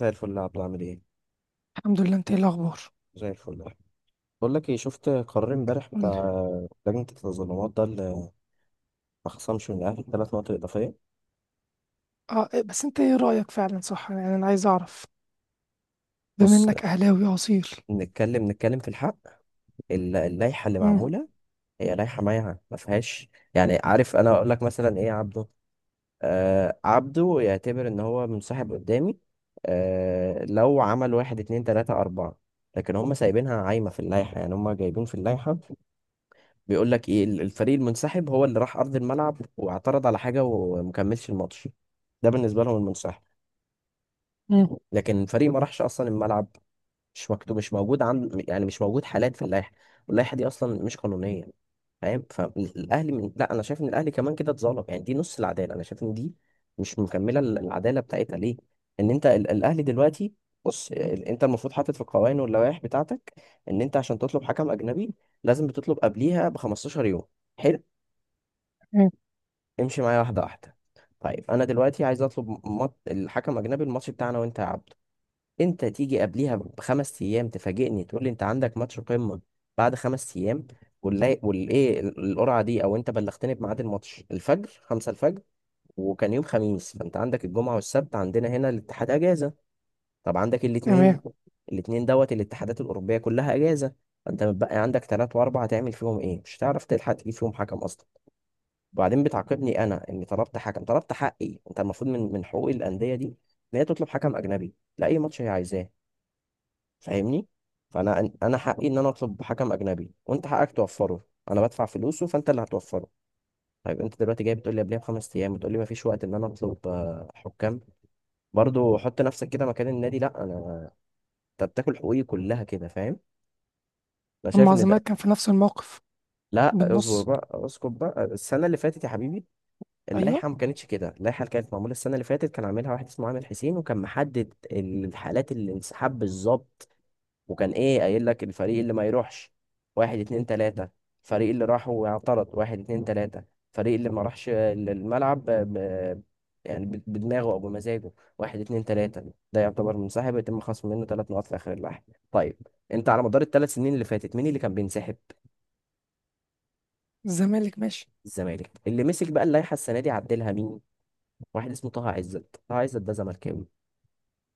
زي الفل يا عبدو، عامل ايه؟ الحمد لله، انت ايه الاخبار؟ زي الفل. بقول لك ايه، شفت قرار امبارح بتاع قولي. لجنة التظلمات ده اللي ما خصمش من الاهلي ثلاث نقط اضافية؟ اه إيه، بس انت ايه رايك فعلا؟ صح، يعني انا عايز اعرف بما بص، انك اهلاوي اصيل. نتكلم في الحق. اللائحة اللي امم. معمولة هي لائحة مايعة ما فيهاش، يعني عارف، انا اقول لك مثلا ايه يا عبدو؟ آه، عبدو يعتبر ان هو منسحب قدامي آه لو عمل واحد اتنين تلاتة اربعة، لكن هم سايبينها عايمة في اللائحة. يعني هم جايبين في اللائحة بيقول لك ايه، الفريق المنسحب هو اللي راح ارض الملعب واعترض على حاجه ومكملش الماتش. ده بالنسبه لهم المنسحب، امم. لكن الفريق ما راحش اصلا الملعب، مش مكتوب، مش موجود عند، يعني مش موجود حالات في اللائحه. واللائحه دي اصلا مش قانونيه، فاهم؟ لا، انا شايف ان الاهلي كمان كده اتظلم، يعني دي نص العداله، انا شايف ان دي مش مكمله العداله بتاعتها. ليه؟ ان انت الاهلي دلوقتي، بص انت المفروض حاطط في القوانين واللوائح بتاعتك، ان انت عشان تطلب حكم اجنبي لازم بتطلب قبليها ب 15 يوم. حلو. تمام. امشي معايا واحدة واحدة. طيب أنا دلوقتي عايز أطلب الحكم أجنبي الماتش بتاعنا، وأنت يا عبده أنت تيجي قبليها بخمس أيام تفاجئني تقول لي أنت عندك ماتش قمة بعد خمس أيام، والإيه القرعة دي؟ أو أنت بلغتني بميعاد الماتش الفجر، خمسة الفجر، وكان يوم خميس، فأنت عندك الجمعة والسبت عندنا هنا الاتحاد أجازة. طب عندك الاتنين، تمام. الاتنين دوت الاتحادات الأوروبية كلها أجازة، فأنت متبقي عندك تلات وأربعة، تعمل فيهم إيه؟ مش هتعرف تلحق تجيب فيهم حكم أصلا. وبعدين بتعاقبني انا اني طلبت حكم، طلبت حقي. انت المفروض من حقوق الانديه دي ان هي تطلب حكم اجنبي لاي ماتش هي عايزاه، فاهمني؟ فانا انا حقي ان انا اطلب حكم اجنبي، وانت حقك توفره، انا بدفع فلوسه فانت اللي هتوفره. طيب انت دلوقتي جاي بتقول لي قبلها بخمس ايام، بتقول لي ما فيش وقت ان انا اطلب حكام؟ برضو حط نفسك كده مكان النادي. لا، انا انت بتاكل حقوقي كلها كده، فاهم؟ انا شايف اما ان الزمالك ده. كان في نفس الموقف لا، اصبر بالنص. بقى، اسكت بقى. السنه اللي فاتت يا حبيبي ايوه. اللائحة ما كانتش كده، اللائحة اللي كانت معمولة السنة اللي فاتت كان عاملها واحد اسمه عامر حسين، وكان محدد الحالات الانسحاب بالظبط. وكان ايه قايل لك؟ الفريق اللي ما يروحش واحد اتنين تلاتة، الفريق اللي راح واعترض واحد اتنين تلاتة، الفريق اللي ما راحش الملعب يعني بدماغه او بمزاجه، واحد اتنين تلاتة، ده يعتبر منسحب يتم خصم منه ثلاث نقاط في اخر اللائحة. طيب، انت على مدار الثلاث سنين اللي فاتت مين اللي كان بينسحب؟ الزمالك ماشي. الزمالك. اللي مسك بقى اللائحة السنة دي عدلها مين؟ واحد اسمه طه عزت. طه عزت ده زملكاوي،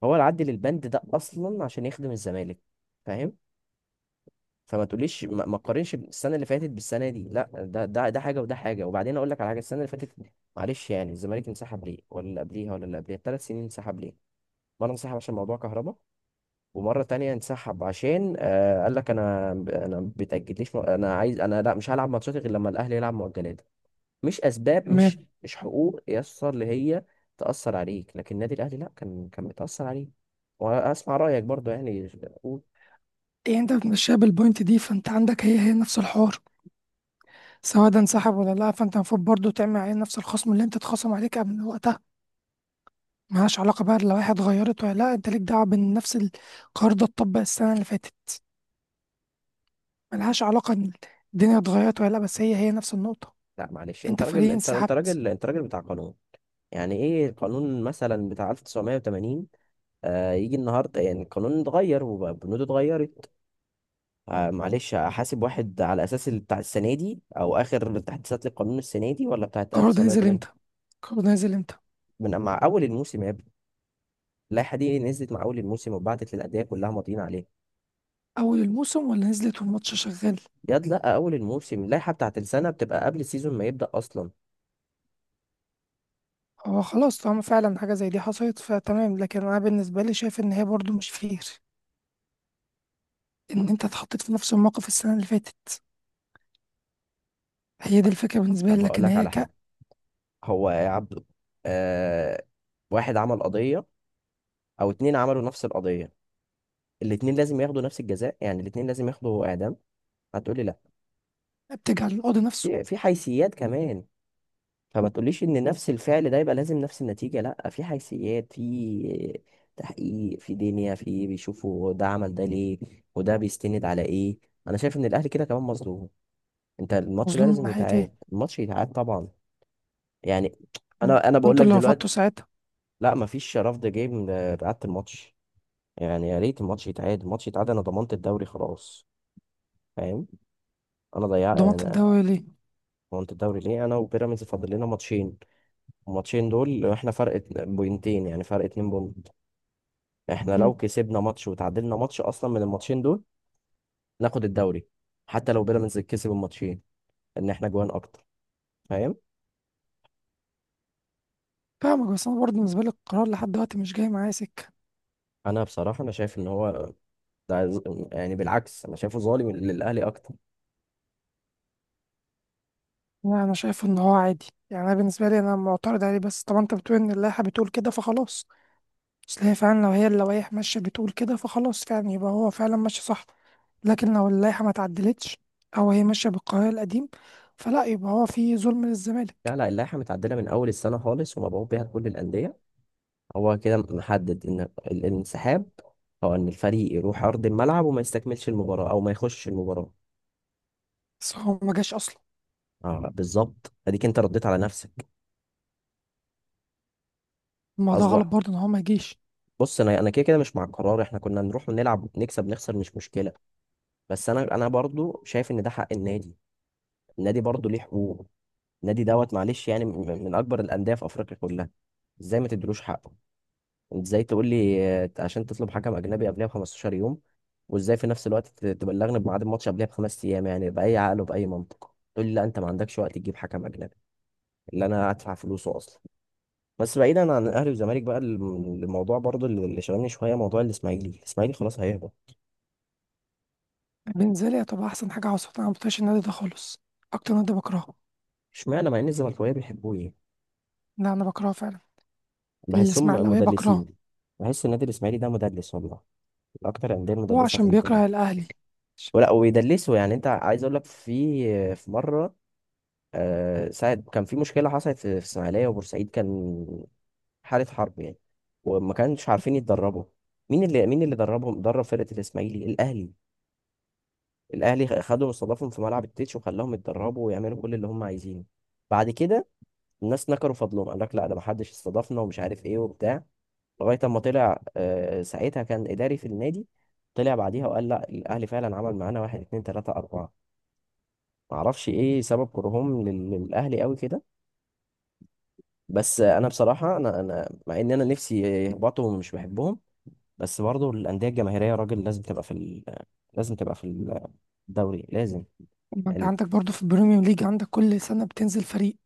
هو العدل البند ده اصلا عشان يخدم الزمالك، فاهم؟ فما تقوليش ما تقارنش السنه اللي فاتت بالسنه دي، لا، ده حاجه وده حاجه. وبعدين اقول لك على حاجه، السنه اللي فاتت، معلش يعني الزمالك انسحب ليه؟ ولا اللي قبليها، ولا اللي قبليها، الثلاث سنين انسحب ليه؟ مره انسحب عشان موضوع كهرباء، ومره تانية انسحب عشان قال لك انا، انا بتاجليش، انا عايز، انا لا، مش هلعب ماتشات غير لما الاهلي يلعب مؤجلات، مش اسباب، مش تمام. مش حقوق يسر اللي هي تاثر عليك، لكن النادي الاهلي لا، كان بيتاثر عليه. واسمع رايك برضو، يعني قول. ايه انت بتمشيها بالبوينت دي؟ فانت عندك هي هي نفس الحوار، سواء ده انسحب ولا لا، فانت المفروض برضه تعمل عليه نفس الخصم اللي انت اتخصم عليك قبل وقتها. ملهاش علاقه بقى لو واحد غيرت ولا لا، انت ليك دعوه بان نفس القرار ده اتطبق السنه اللي فاتت. ملهاش علاقه ان الدنيا اتغيرت ولا لا، بس هي هي نفس النقطه. لا معلش، انت انت راجل، فريق انت انسحبت. راجل، انت راجل بتاع قانون، يعني ايه القانون مثلا بتاع 1980 آه يجي النهارده؟ يعني القانون اتغير وبنوده اتغيرت، آه. معلش احاسب واحد على اساس بتاع السنه دي او اخر تحديثات للقانون السنه دي ولا بتاعت القرار ده نزل 1980؟ امتى؟ القرار ده نزل امتى؟ من مع اول الموسم يا ابني، اللائحه دي نزلت مع اول الموسم وبعتت للانديه كلها ماضيين عليها. اول الموسم ولا نزلت والماتش شغال؟ ياد، لا، اول الموسم اللائحه بتاعت السنه بتبقى قبل السيزون ما يبدا اصلا. هو خلاص طالما فعلا حاجه زي دي حصلت فتمام، لكن انا بالنسبه لي شايف ان هي برضو مش فير، ان انت اتحطيت في نفس الموقف السنه اللي فاتت. هي دي الفكره بالنسبه لي، طب هقول لكن لك هي على حاجه، هو يا عبده، آه، واحد عمل قضيه او اتنين عملوا نفس القضيه، الاتنين لازم ياخدوا نفس الجزاء، يعني الاتنين لازم ياخدوا اعدام؟ هتقولي لا، بتجعل القاضي نفسه في حيثيات كمان. فما تقوليش ان نفس الفعل ده يبقى لازم نفس النتيجه، لا، في حيثيات، في تحقيق، في دنيا، في بيشوفوا ده عمل ده ليه وده بيستند على ايه. انا شايف ان الاهلي كده كمان مظلوم. انت الماتش ده مظلوم من لازم ناحيه ايه؟ يتعاد، الماتش يتعاد طبعا. يعني م. انا بقول انتوا لك اللي دلوقتي، رفضتوا ساعتها. لا مفيش رفض، جاي بعد الماتش، يعني يا ريت الماتش يتعاد، الماتش يتعاد. انا ضمنت الدوري خلاص، فاهم؟ انا ضيعت ضمنت انا. الدوري ليه؟ ضمنت الدوري ليه؟ انا وبيراميدز فاضل لنا ماتشين، الماتشين دول احنا فرق بوينتين، يعني فرق اتنين بوينت، احنا م. لو كسبنا ماتش وتعادلنا ماتش اصلا من الماتشين دول ناخد الدوري، حتى لو بيراميدز كسب الماتشين، ان احنا جوان اكتر، فاهم؟ فاهمك، بس انا برضه بالنسبه لي القرار لحد دلوقتي مش جاي معايا سكه. انا بصراحة انا شايف ان هو ده، يعني بالعكس انا شايفه ظالم للاهلي اكتر. انا شايف ان هو عادي. يعني انا بالنسبه لي انا معترض عليه، بس طبعا انت بتقول ان اللائحه بتقول كده فخلاص. تلاقي فعلا لو هي اللوائح ماشية بتقول كده فخلاص، فعلا يبقى هو فعلا ماشي صح. لكن لو اللائحة ما تعدلتش، أو هي ماشية بالقانون القديم، فلا، يبقى هو في ظلم للزمالك. لا لا، اللائحة متعدلة من أول السنة خالص ومبعوث بيها لكل الأندية، هو كده محدد إن الانسحاب هو إن الفريق يروح أرض الملعب وما يستكملش المباراة أو ما يخشش المباراة. بس هو ما جاش أصلا. آه بالظبط، أديك أنت رديت على نفسك. الموضوع غلط أصبح، برضه إن هو ما جيش. بص أنا كده مش مع القرار، إحنا كنا نروح ونلعب نكسب نخسر مش مشكلة، بس أنا برضو شايف إن ده حق النادي، النادي برضو ليه حقوق. النادي دوت، معلش يعني من أكبر الأندية في أفريقيا كلها، إزاي ما تدلوش حقه؟ انت ازاي تقول لي عشان تطلب حكم اجنبي قبلها ب 15 يوم، وازاي في نفس الوقت تبلغني بميعاد الماتش قبلها بخمس ايام؟ يعني باي عقل وباي منطق تقول لي لا انت ما عندكش وقت تجيب حكم اجنبي اللي انا هدفع فلوسه اصلا؟ بس بعيدا عن الاهلي والزمالك بقى، الموضوع برضو اللي شغلني شويه موضوع الاسماعيلي، الاسماعيلي خلاص هيهبط. بالنسبة لي هتبقى أحسن حاجة حصلت، أنا ما بطيقش النادي ده خالص، أكتر نادي بكرهه. اشمعنى مع ان الزملكاويه بيحبوه؟ ايه؟ لا، أنا بكرهه فعلا، بحسهم الإسماعيلاوية بكرهه. مدلسين، بحس النادي الاسماعيلي ده مدلس والله، من اكتر الانديه هو المدلسه في عشان الدنيا بيكره الأهلي. ولا ويدلسوا. يعني انت عايز اقول لك في مره، آه، ساعة كان في مشكلة حصلت في الإسماعيلية وبورسعيد، كان حالة حرب يعني، وما كانش عارفين يتدربوا. مين اللي دربهم؟ درب فرقة الإسماعيلي الأهلي، الأهلي خدهم، استضافهم في ملعب التتش وخلاهم يتدربوا ويعملوا كل اللي هم عايزينه. بعد كده الناس نكروا فضلهم، قال لك لا، ده ما حدش استضافنا ومش عارف ايه وبتاع، لغاية اما طلع، آه، ساعتها كان إداري في النادي، طلع بعديها وقال لا الأهلي فعلا عمل معانا واحد اتنين تلاتة أربعة. معرفش ايه سبب كرههم للأهلي قوي كده. بس انا بصراحه، انا مع ان انا نفسي يهبطوا ومش بحبهم، بس برضه الانديه الجماهيريه يا راجل لازم تبقى في لازم تبقى في الدوري لازم، ما أنت يعني. عندك برضه في البريميوم ليج عندك كل سنة بتنزل فريق،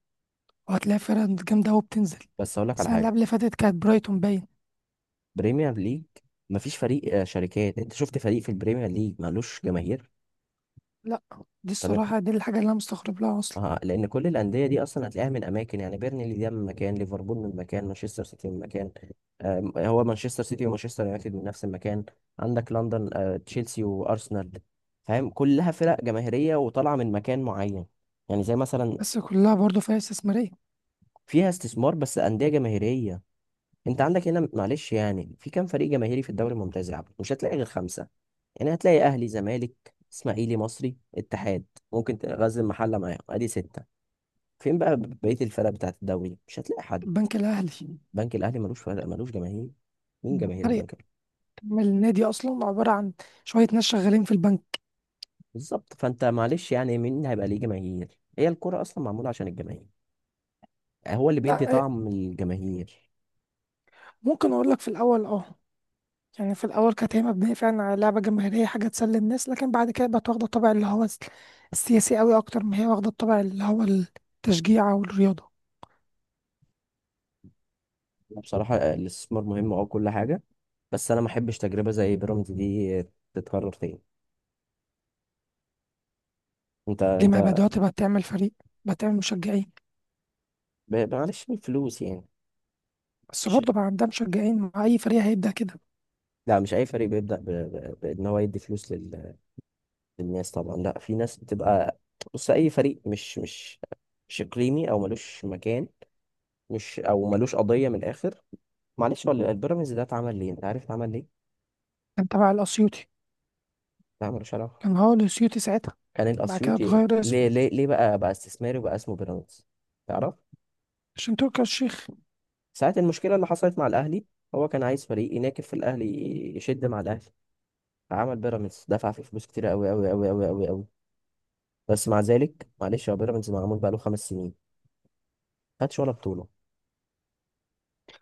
وهتلاقي فرق جامدة أوي بتنزل. بس اقول لك على السنة اللي حاجه، قبل اللي فاتت كانت برايتون باين. بريمير ليج مفيش فريق شركات. انت شفت فريق في البريمير ليج مالوش جماهير؟ لا، دي طب، الصراحة دي الحاجة اللي أنا مستغرب لها أصلا. آه، لأن كل الأندية دي أصلا هتلاقيها من أماكن، يعني بيرنلي ده من مكان، ليفربول من مكان، مانشستر سيتي من مكان. آه، هو مانشستر سيتي ومانشستر يونايتد من نفس المكان. عندك لندن آه تشيلسي وأرسنال، فاهم؟ كلها فرق جماهيرية وطالعة من مكان معين، يعني زي مثلا. بس كلها برضه فيها استثمارية. فيها استثمار بس أندية جماهيرية. أنت عندك هنا معلش يعني في كام فريق جماهيري في الدوري الممتاز يا عبد؟ مش هتلاقي غير خمسة، يعني هتلاقي أهلي زمالك إسماعيلي مصري اتحاد، ممكن تغزل محلة معاهم أدي ستة. فين بقى بقية الفرق بتاعت الدوري؟ مش هتلاقي حد. البنك الأهلي بنك الأهلي ملوش فرق، ملوش جماهير. مين جماهير فريق، البنك الأهلي؟ من النادي أصلا عبارة عن شوية ناس شغالين في البنك. بالظبط. فأنت معلش يعني مين هيبقى ليه جماهير؟ هي الكرة أصلا معمولة عشان الجماهير، هو اللي لا بيدي إيه، طعم الجماهير. ممكن أقول لك في الأول يعني في الأول كانت هي مبنية فعلا على لعبة جماهيرية، حاجة تسلي الناس، لكن بعد كده بقت واخدة الطابع اللي هو السياسي أوي أكتر ما هي واخدة الطابع اللي هو التشجيع أو الرياضة. بصراحة الاستثمار مهم، أه كل حاجة، بس أنا ما أحبش تجربة زي بيراميدز دي تتكرر تاني. أنت ليه ما بقى أنت دلوقتي بقت تعمل فريق، بقت تعمل مشجعين؟ معلش الفلوس يعني. بس مش، برضه بقى عندها مشجعين مع أي فريق هيبدأ كده. لا مش أي فريق بيبدأ بإن هو يدي فلوس، الناس طبعا، لا في ناس بتبقى. بص اي فريق، مش مش اقليمي او ملوش مكان، مش او ملوش قضيه. من الاخر معلش، هو البيراميدز ده اتعمل ليه انت عارف؟ اتعمل ليه؟ كان تبع الأسيوطي. ده ملوش علاقه. كان هو الأسيوطي ساعتها. كان بعد كده الاسيوطي، اتغير اسمه ليه بقى، بقى استثماري وبقى اسمه بيراميدز تعرف؟ عشان تركي آل الشيخ. ساعه المشكله اللي حصلت مع الاهلي، هو كان عايز فريق يناكف في الاهلي، يشد مع الاهلي، فعمل بيراميدز، دفع فيه فلوس كتير قوي قوي قوي قوي قوي قوي. بس مع ذلك معلش، هو بيراميدز معمول بقاله خمس سنين، خدش ولا بطوله،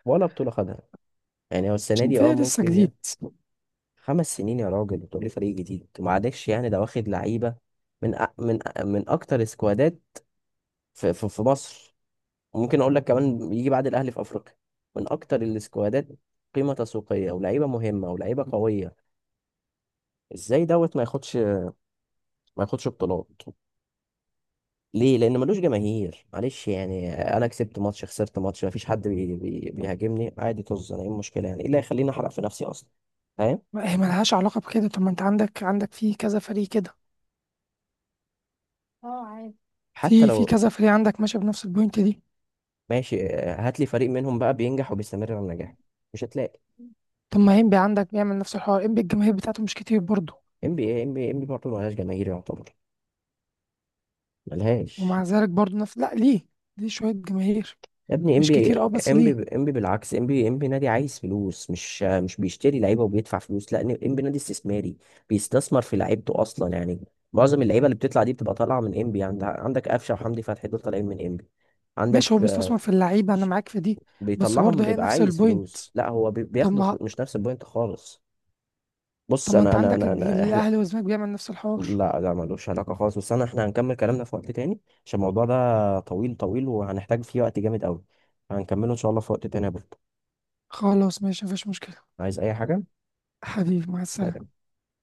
ولا بطوله خدها. يعني هو السنة عشان دي اه فريق لسه ممكن، يا جديد. خمس سنين يا راجل بتقولي فريق جديد؟ ومعلش يعني ده واخد لعيبة من أكتر سكوادات في مصر، وممكن أقول لك كمان يجي بعد الأهلي في أفريقيا من أكتر السكوادات قيمة تسويقية ولاعيبة مهمة ولاعيبة قوية. إزاي دوت ما ياخدش بطولات؟ ليه؟ لأن ملوش جماهير. معلش يعني أنا كسبت ماتش خسرت ماتش مفيش حد بيهاجمني، عادي، طز، أنا إيه المشكلة؟ يعني إيه اللي هيخليني أحرق في نفسي أصلا؟ فاهم؟ هي ملهاش علاقة بكده. طب ما انت عندك في كذا فريق كده، حتى في لو كذا فريق عندك ماشي بنفس البوينت دي. ماشي آه، هات لي فريق منهم بقى بينجح وبيستمر على النجاح، مش هتلاقي. طب ما انبي عندك بيعمل نفس الحوار، انبي الجماهير بتاعته مش كتير برضه. ام بي اي ام بي ام بي برضه ملهاش جماهير يعتبر، ملهاش. ومع ذلك برضه نفس. لا، ليه شوية جماهير. يا ابني ام مش بي كتير اه، بس ام بي ليه. ام بي بالعكس، ام بي ام بي نادي عايز فلوس؟ مش آه، مش بيشتري لعيبه وبيدفع فلوس، لا ام بي نادي استثماري، بيستثمر في لعيبته اصلا يعني، معظم اللعيبه اللي بتطلع دي بتبقى طالعه من ام بي. عندك قفشه وحمدي فتحي دول طالعين من ام بي. ماشي، هو عندك آه، بيستثمر في اللعيبة، انا ش- معاك في دي. بس بيطلعهم برضه هي بيبقى نفس عايز البوينت. فلوس؟ لا هو طب بياخدوا ما فلوس، مش نفس البوينت خالص. طب بص ما انا انت انا عندك انا, أنا احنا، الاهلي والزمالك بيعمل نفس الحوار. لا لا ملوش علاقة خالص، بس أنا إحنا هنكمل كلامنا في وقت تاني، عشان الموضوع ده طويل طويل وهنحتاج فيه وقت جامد أوي، هنكمله إن شاء الله في وقت تاني يا بطل. خلاص ماشي، مفيش مشكلة. عايز أي حاجة؟ حبيبي، مع سلام. السلامة.